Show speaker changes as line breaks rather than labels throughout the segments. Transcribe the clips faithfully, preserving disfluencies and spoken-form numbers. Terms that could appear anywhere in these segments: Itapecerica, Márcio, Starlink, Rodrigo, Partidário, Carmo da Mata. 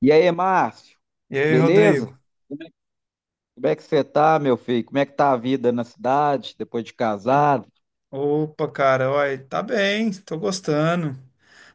E aí, Márcio,
E aí,
beleza?
Rodrigo?
Como é que você tá, meu filho? Como é que tá a vida na cidade depois de casado?
Opa, cara, olha, tá bem, tô gostando.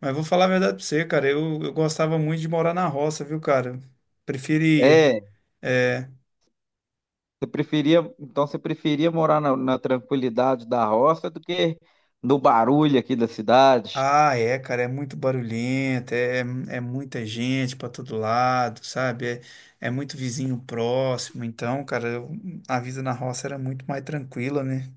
Mas vou falar a verdade pra você, cara. Eu, eu gostava muito de morar na roça, viu, cara? Preferia.
É,
É.
você preferia, então você preferia morar na, na tranquilidade da roça do que no barulho aqui da cidade?
Ah, é, cara, é muito barulhento, é, é muita gente pra todo lado, sabe? É, é muito vizinho próximo. Então, cara, eu- a vida na roça era muito mais tranquila, né?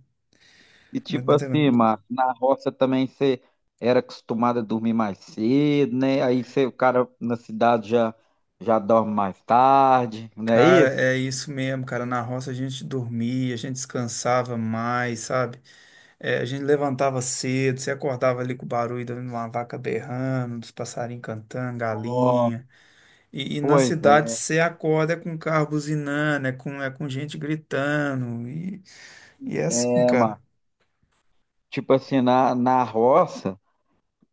E
Muito
tipo
mais
assim,
tranquila.
Márcio, na roça também você era acostumado a dormir mais cedo, né? Aí você, o cara na cidade já, já dorme mais tarde, não é
Cara,
isso?
é isso mesmo, cara. Na roça a gente dormia, a gente descansava mais, sabe? É, a gente levantava cedo, você acordava ali com o barulho de uma vaca berrando, dos passarinhos cantando,
Ó,
galinha. E, e na
pois
cidade
é,
você acorda é com carro buzinando, é com, é com gente gritando. E, e é assim,
é,
cara.
Márcio. Tipo assim, na, na roça.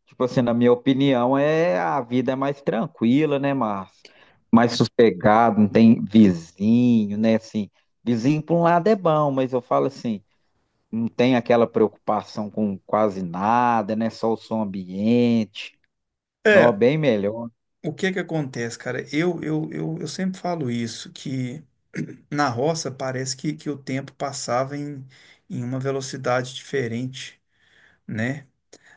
Tipo assim, na minha opinião, é a vida é mais tranquila, né, Márcio? Mais sossegado, não tem vizinho, né? Assim, vizinho por um lado é bom, mas eu falo assim, não tem aquela preocupação com quase nada, né? Só o som ambiente. Não,
É,
bem melhor.
o que que acontece, cara? Eu, eu, eu, eu sempre falo isso, que na roça parece que, que o tempo passava em, em uma velocidade diferente, né?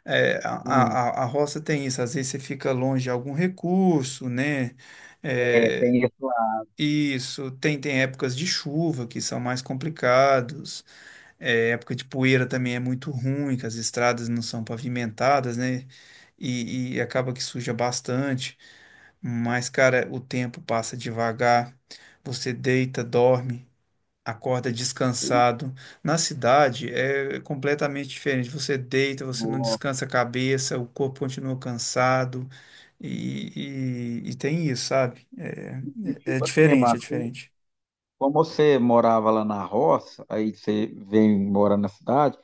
É, a,
Hum,
a, a roça tem isso, às vezes você fica longe de algum recurso, né?
é,
É,
tem isso lá.
isso, tem, tem épocas de chuva que são mais complicados, é, época de poeira também é muito ruim, que as estradas não são pavimentadas, né? E, e acaba que suja bastante, mas, cara, o tempo passa devagar, você deita, dorme acorda descansado. Na cidade é completamente diferente. Você deita, você não
Não.
descansa a cabeça, o corpo continua cansado e, e- e tem isso, sabe? É,
E
é
tipo assim,
diferente, é
Márcio.
diferente.
Como você morava lá na roça, aí você vem morar na cidade,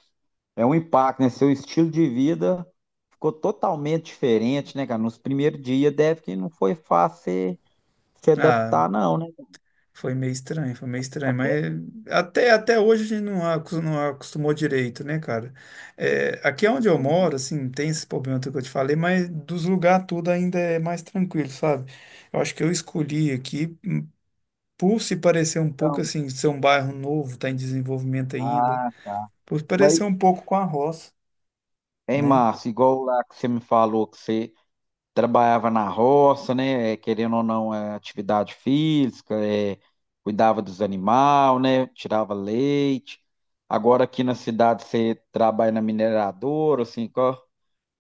é um impacto, né? Seu estilo de vida ficou totalmente diferente, né, cara? Nos primeiros dias deve que não foi fácil você se
Ah,
adaptar, não, né?
foi meio estranho, foi meio estranho, mas
Até...
até, até hoje a gente não, acos- não acostumou direito, né, cara? É, aqui é onde eu moro,
Uhum.
assim, tem esse problema que eu te falei, mas dos lugares tudo ainda é mais tranquilo, sabe? Eu acho que eu escolhi aqui por se parecer um pouco
Então,
assim, ser um bairro novo, está em desenvolvimento ainda,
ah, tá.
por se
Mas,
parecer um pouco com a roça,
hein,
né?
Márcio, igual lá que você me falou que você trabalhava na roça, né? É, querendo ou não, é atividade física, é, cuidava dos animais, né? Tirava leite. Agora aqui na cidade você trabalha na mineradora, assim, qual-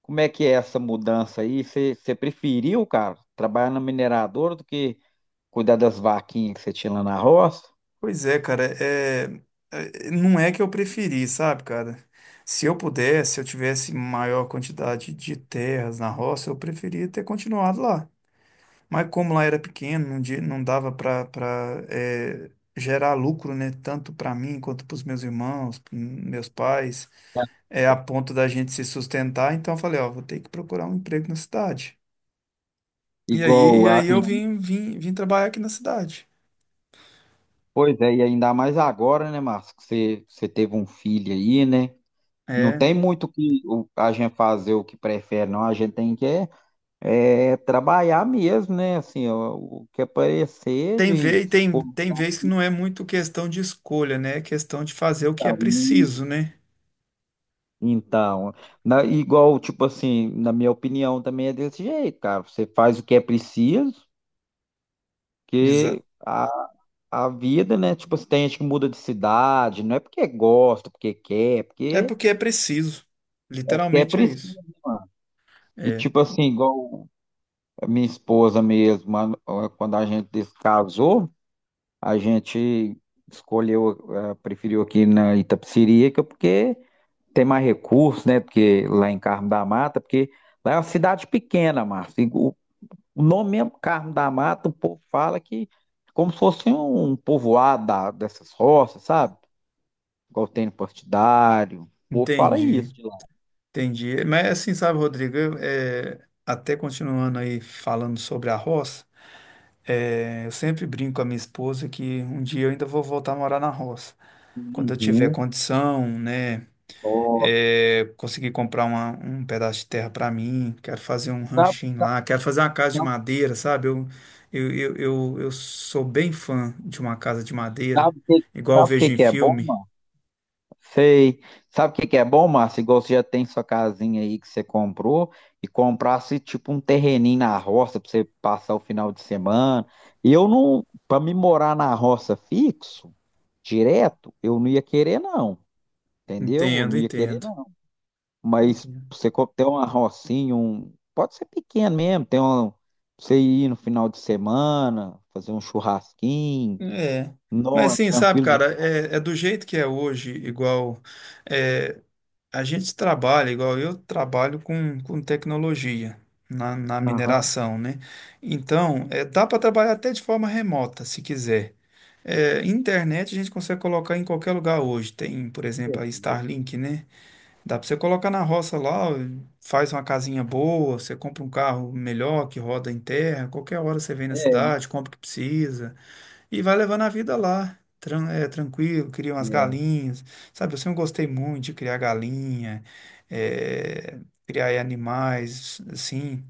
como é que é essa mudança aí? Você, você preferiu, cara, trabalhar na mineradora do que cuidar das vaquinhas que você tinha lá na roça?
Pois é, cara, é, é- não é que eu preferi, sabe, cara? Se eu pudesse, se eu tivesse maior quantidade de terras na roça, eu preferia ter continuado lá. Mas como lá era pequeno, não, di- não dava para gerar lucro, né? Tanto para mim quanto para os meus irmãos, pros meus pais, é a ponto da gente se sustentar. Então eu falei, ó, vou ter que procurar um emprego na cidade. E aí, e
Igual, a-
aí eu vim, vim, vim trabalhar aqui na cidade.
Pois é, e ainda mais agora, né, Márcio, que você, você teve um filho aí, né? Não
É.
tem muito que o- a gente fazer o que prefere, não. A gente tem que é, é, trabalhar mesmo, né? Assim, ó, o que aparecer
Tem
de
vez,
se
tem,
for
tem vez que não é muito questão de escolha, né? É questão de fazer o que
pra
é
um,
preciso, né?
então, na- igual, tipo assim, na minha opinião também é desse jeito, cara. Você faz o que é preciso, que
Exato.
a, a vida, né? Tipo, assim, tem gente que muda de cidade, não é porque gosta, porque quer, é
É
porque
porque é preciso.
é porque é
Literalmente é
preciso,
isso.
né, mano. E
É,
tipo assim, igual a minha esposa mesmo, mano, quando a gente se casou, a gente escolheu, eh, preferiu aqui na Itapecerica, porque tem mais recursos, né? Porque lá em Carmo da Mata, porque lá é uma cidade pequena, Márcio. E O o nome mesmo, Carmo da Mata, o povo fala que é como se fosse um povoado da- dessas roças, sabe? Igual tem no Partidário. O povo fala
entendi.
isso de lá.
Entendi. Mas assim, sabe, Rodrigo, eu, eh, até continuando aí falando sobre a roça, eh, eu sempre brinco com a minha esposa que um dia eu ainda vou voltar a morar na roça. Quando eu tiver
Uhum.
condição, né,
Ó,
eh, conseguir comprar uma- um pedaço de terra para mim, quero fazer um
sabe,
ranchinho
sabe,
lá, quero fazer uma casa de
sabe,
madeira, sabe? Eu, eu, eu, eu, eu sou bem fã de uma casa de madeira,
sabe o que,
igual eu
sabe o que
vejo em
que é bom.
filme.
Sei. Sabe o que que é bom, Márcio? Igual você já tem sua casinha aí que você comprou e comprasse tipo um terreninho na roça para você passar o final de semana. E eu não, para me morar na roça fixo, direto, eu não ia querer não, entendeu? Eu
Entendo,
não ia querer
entendo.
não. Mas você co- ter uma rocinha, um, pode ser pequeno mesmo, tem um, você ir no final de semana, fazer um churrasquinho,
É.
não,
Mas
é
assim, sabe,
tranquilo
cara,
demais.
é, é do jeito que é hoje, igual é, a gente trabalha, igual eu trabalho com, com tecnologia na, na
Aham.
mineração, né? Então, é, dá para trabalhar até de forma remota, se quiser. É, internet a gente consegue colocar em qualquer lugar hoje. Tem, por
É,
exemplo, a Starlink, né? Dá para você colocar na roça lá, faz uma casinha boa, você compra um carro melhor que roda em terra, qualquer hora você vem na cidade, compra o que precisa. E vai levando a vida lá, tran- é, tranquilo, cria
é,
umas
é.
galinhas. Sabe, eu sempre gostei muito de criar galinha, é, criar aí animais, assim.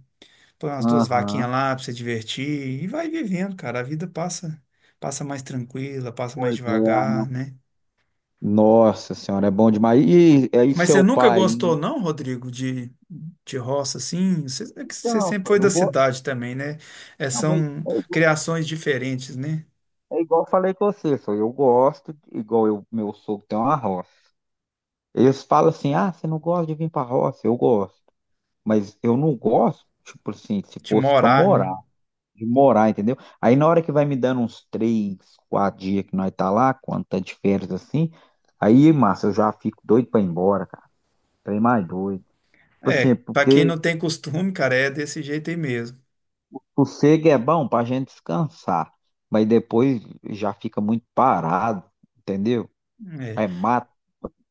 Põe umas duas
Aham.
vaquinhas lá pra você divertir e vai vivendo, cara. A vida passa, passa mais tranquila, passa mais
Pois é.
devagar, né?
Nossa senhora, é bom demais. E aí,
Mas você
seu
nunca
pai?
gostou, não, Rodrigo, de, de roça, assim? Você, é que você
Então,
sempre
pô,
foi
eu
da
gosto.
cidade também, né? É,
Não, mas
são
é, igu-
criações diferentes, né?
é igual eu falei com você, só eu gosto, de- igual eu, meu sogro tem uma roça. Eles falam assim: ah, você não gosta de vir pra roça? Eu gosto. Mas eu não gosto, tipo assim, se
De
fosse pra
morar, né?
morar, de morar, entendeu? Aí na hora que vai me dando uns três, quatro dias que nós tá lá, quando tá de férias assim, aí, massa, eu já fico doido pra ir embora, cara. Trem mais doido. Tipo assim, é
É, pra quem
porque
não tem costume, cara, é desse jeito aí mesmo.
sossego é bom pra gente descansar, mas depois já fica muito parado, entendeu?
É.
É mato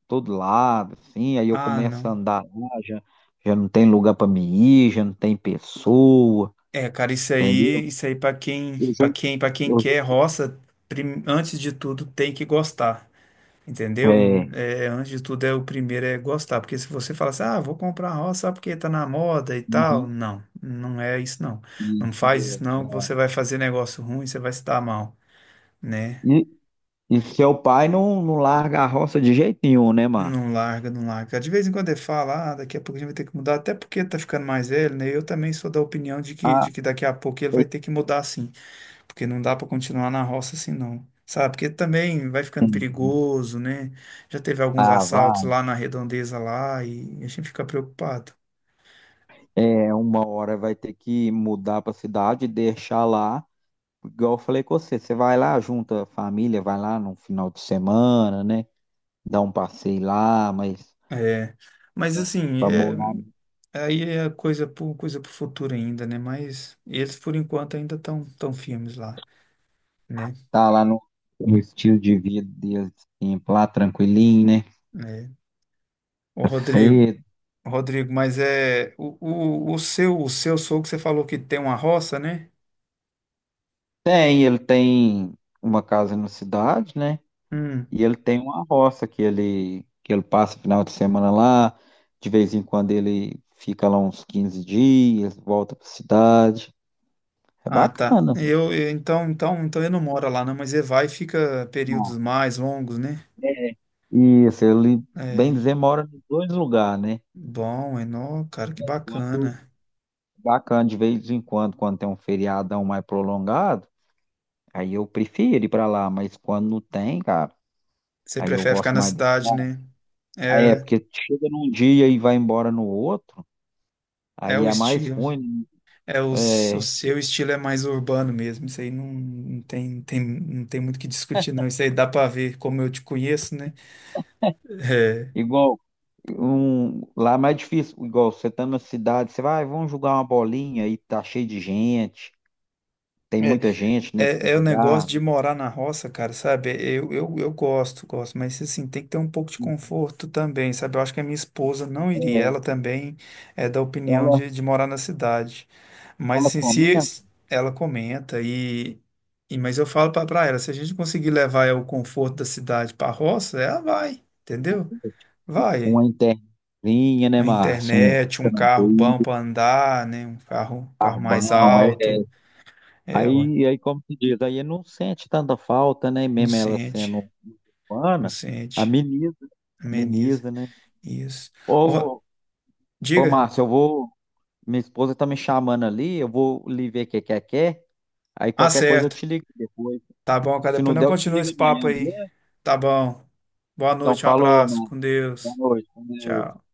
todo lado, assim, aí eu
Ah,
começo a
não.
andar lá, já, já não tem lugar pra me ir, já não tem pessoa,
É, cara, isso
entendeu?
aí, isso aí para quem,
Eu já,
para quem, para quem
eu
quer
já-
roça, prim- antes de tudo tem que gostar, entendeu?
É,
É, antes de tudo é o primeiro é gostar, porque se você fala assim, ah, vou comprar roça só porque tá na moda e tal,
uhum,
não, não é isso não. Não faz
e,
isso não, que você vai fazer negócio ruim, você vai se dar mal, né?
e, e seu pai não, não larga a roça de jeito nenhum, né, Mar?
Não larga, não larga. De vez em quando ele fala, ah, daqui a pouco a gente vai ter que mudar, até porque tá ficando mais velho, né? Eu também sou da opinião de que,
Ah,
de que daqui a pouco ele vai ter que mudar sim, porque não dá pra continuar na roça assim não. Sabe? Porque também vai ficando
entendi.
perigoso, né? Já teve alguns
Ah,
assaltos
vai.
lá na redondeza lá e a gente fica preocupado.
É, uma hora vai ter que mudar pra cidade e deixar lá. Igual eu falei com você, você vai lá, junta a família, vai lá no final de semana, né? Dá um passeio lá, mas
É. Mas assim,
pra
é,
morar,
aí é coisa pro, coisa pro futuro ainda, né? Mas eles por enquanto ainda estão tão tão firmes lá, né?
tá lá no, no estilo de vida dele, assim, lá tranquilinho, né?
É. Ô,
Tá
Rodrigo,
cedo.
Rodrigo, mas é o, o, o seu o seu sogro que você falou que tem uma roça, né?
Tem, ele tem uma casa na cidade, né?
Hum.
E ele tem uma roça que ele, que ele passa o final de semana lá, de vez em quando ele fica lá uns quinze dias, volta pra cidade. É
Ah, tá.
bacana,
Eu, eu- então então então ele não mora lá não, mas ele vai e fica períodos
mano.
mais longos, né?
Isso, ele, bem
É.
dizer, mora nos dois lugares, né?
Bom, Enó, cara, que
Enquanto-
bacana.
Bacana, de vez em quando, quando tem um feriadão mais prolongado, aí eu prefiro ir pra lá, mas quando não tem, cara,
Você
aí eu
prefere ficar
gosto
na
mais da
cidade,
cidade.
né?
Aí é
É
porque chega num dia e vai embora no outro,
é
aí
o
é mais
estilo.
ruim,
É o,
né?
s- o
É,
seu estilo é mais urbano mesmo. Isso aí não, não tem, não tem não tem muito o que discutir não. Isso aí dá pra ver como eu te conheço, né? É.
igual, um, lá é mais difícil, igual você tá numa cidade, você vai, "Ah, vamos jogar uma bolinha e tá cheio de gente, tem
É.
muita gente, né, pra
É, é o negócio
jogar".
de morar na roça, cara, sabe? Eu, eu, eu gosto, gosto, mas assim, tem que ter um pouco de conforto também, sabe? Eu acho que a minha esposa não iria,
É,
ela também é da opinião
ela,
de, de morar na cidade. Mas
ela
assim, se
comenta
es- ela comenta e, e mas eu falo pra, pra ela, se a gente conseguir levar o conforto da cidade pra roça, ela vai, entendeu? Vai.
uma interninha, né,
A
Márcio? Um
internet, um carro
um
bom pra andar, né? Um carro, um carro mais
barbão. É.
alto. É, ué,
Aí, aí, como se diz, aí não sente tanta falta, né?
não
Mesmo ela
sente,
sendo
não
humana,
sente.
ameniza,
Ameniza.
ameniza, né?
Isso. Ô,
Ô, ô,
diga.
Márcio, eu vou. Minha esposa tá me chamando ali, eu vou lhe ver o que quer, quer. Aí
Ah,
qualquer coisa eu
certo.
te ligo depois.
Tá bom, cara.
Se
Depois
não
nós
der, eu te
continuamos
ligo
esse
amanhã,
papo aí.
beleza?
Tá bom. Boa
Então,
noite, um
falou,
abraço.
mano.
Com
Boa
Deus.
noite, com Deus.
Tchau.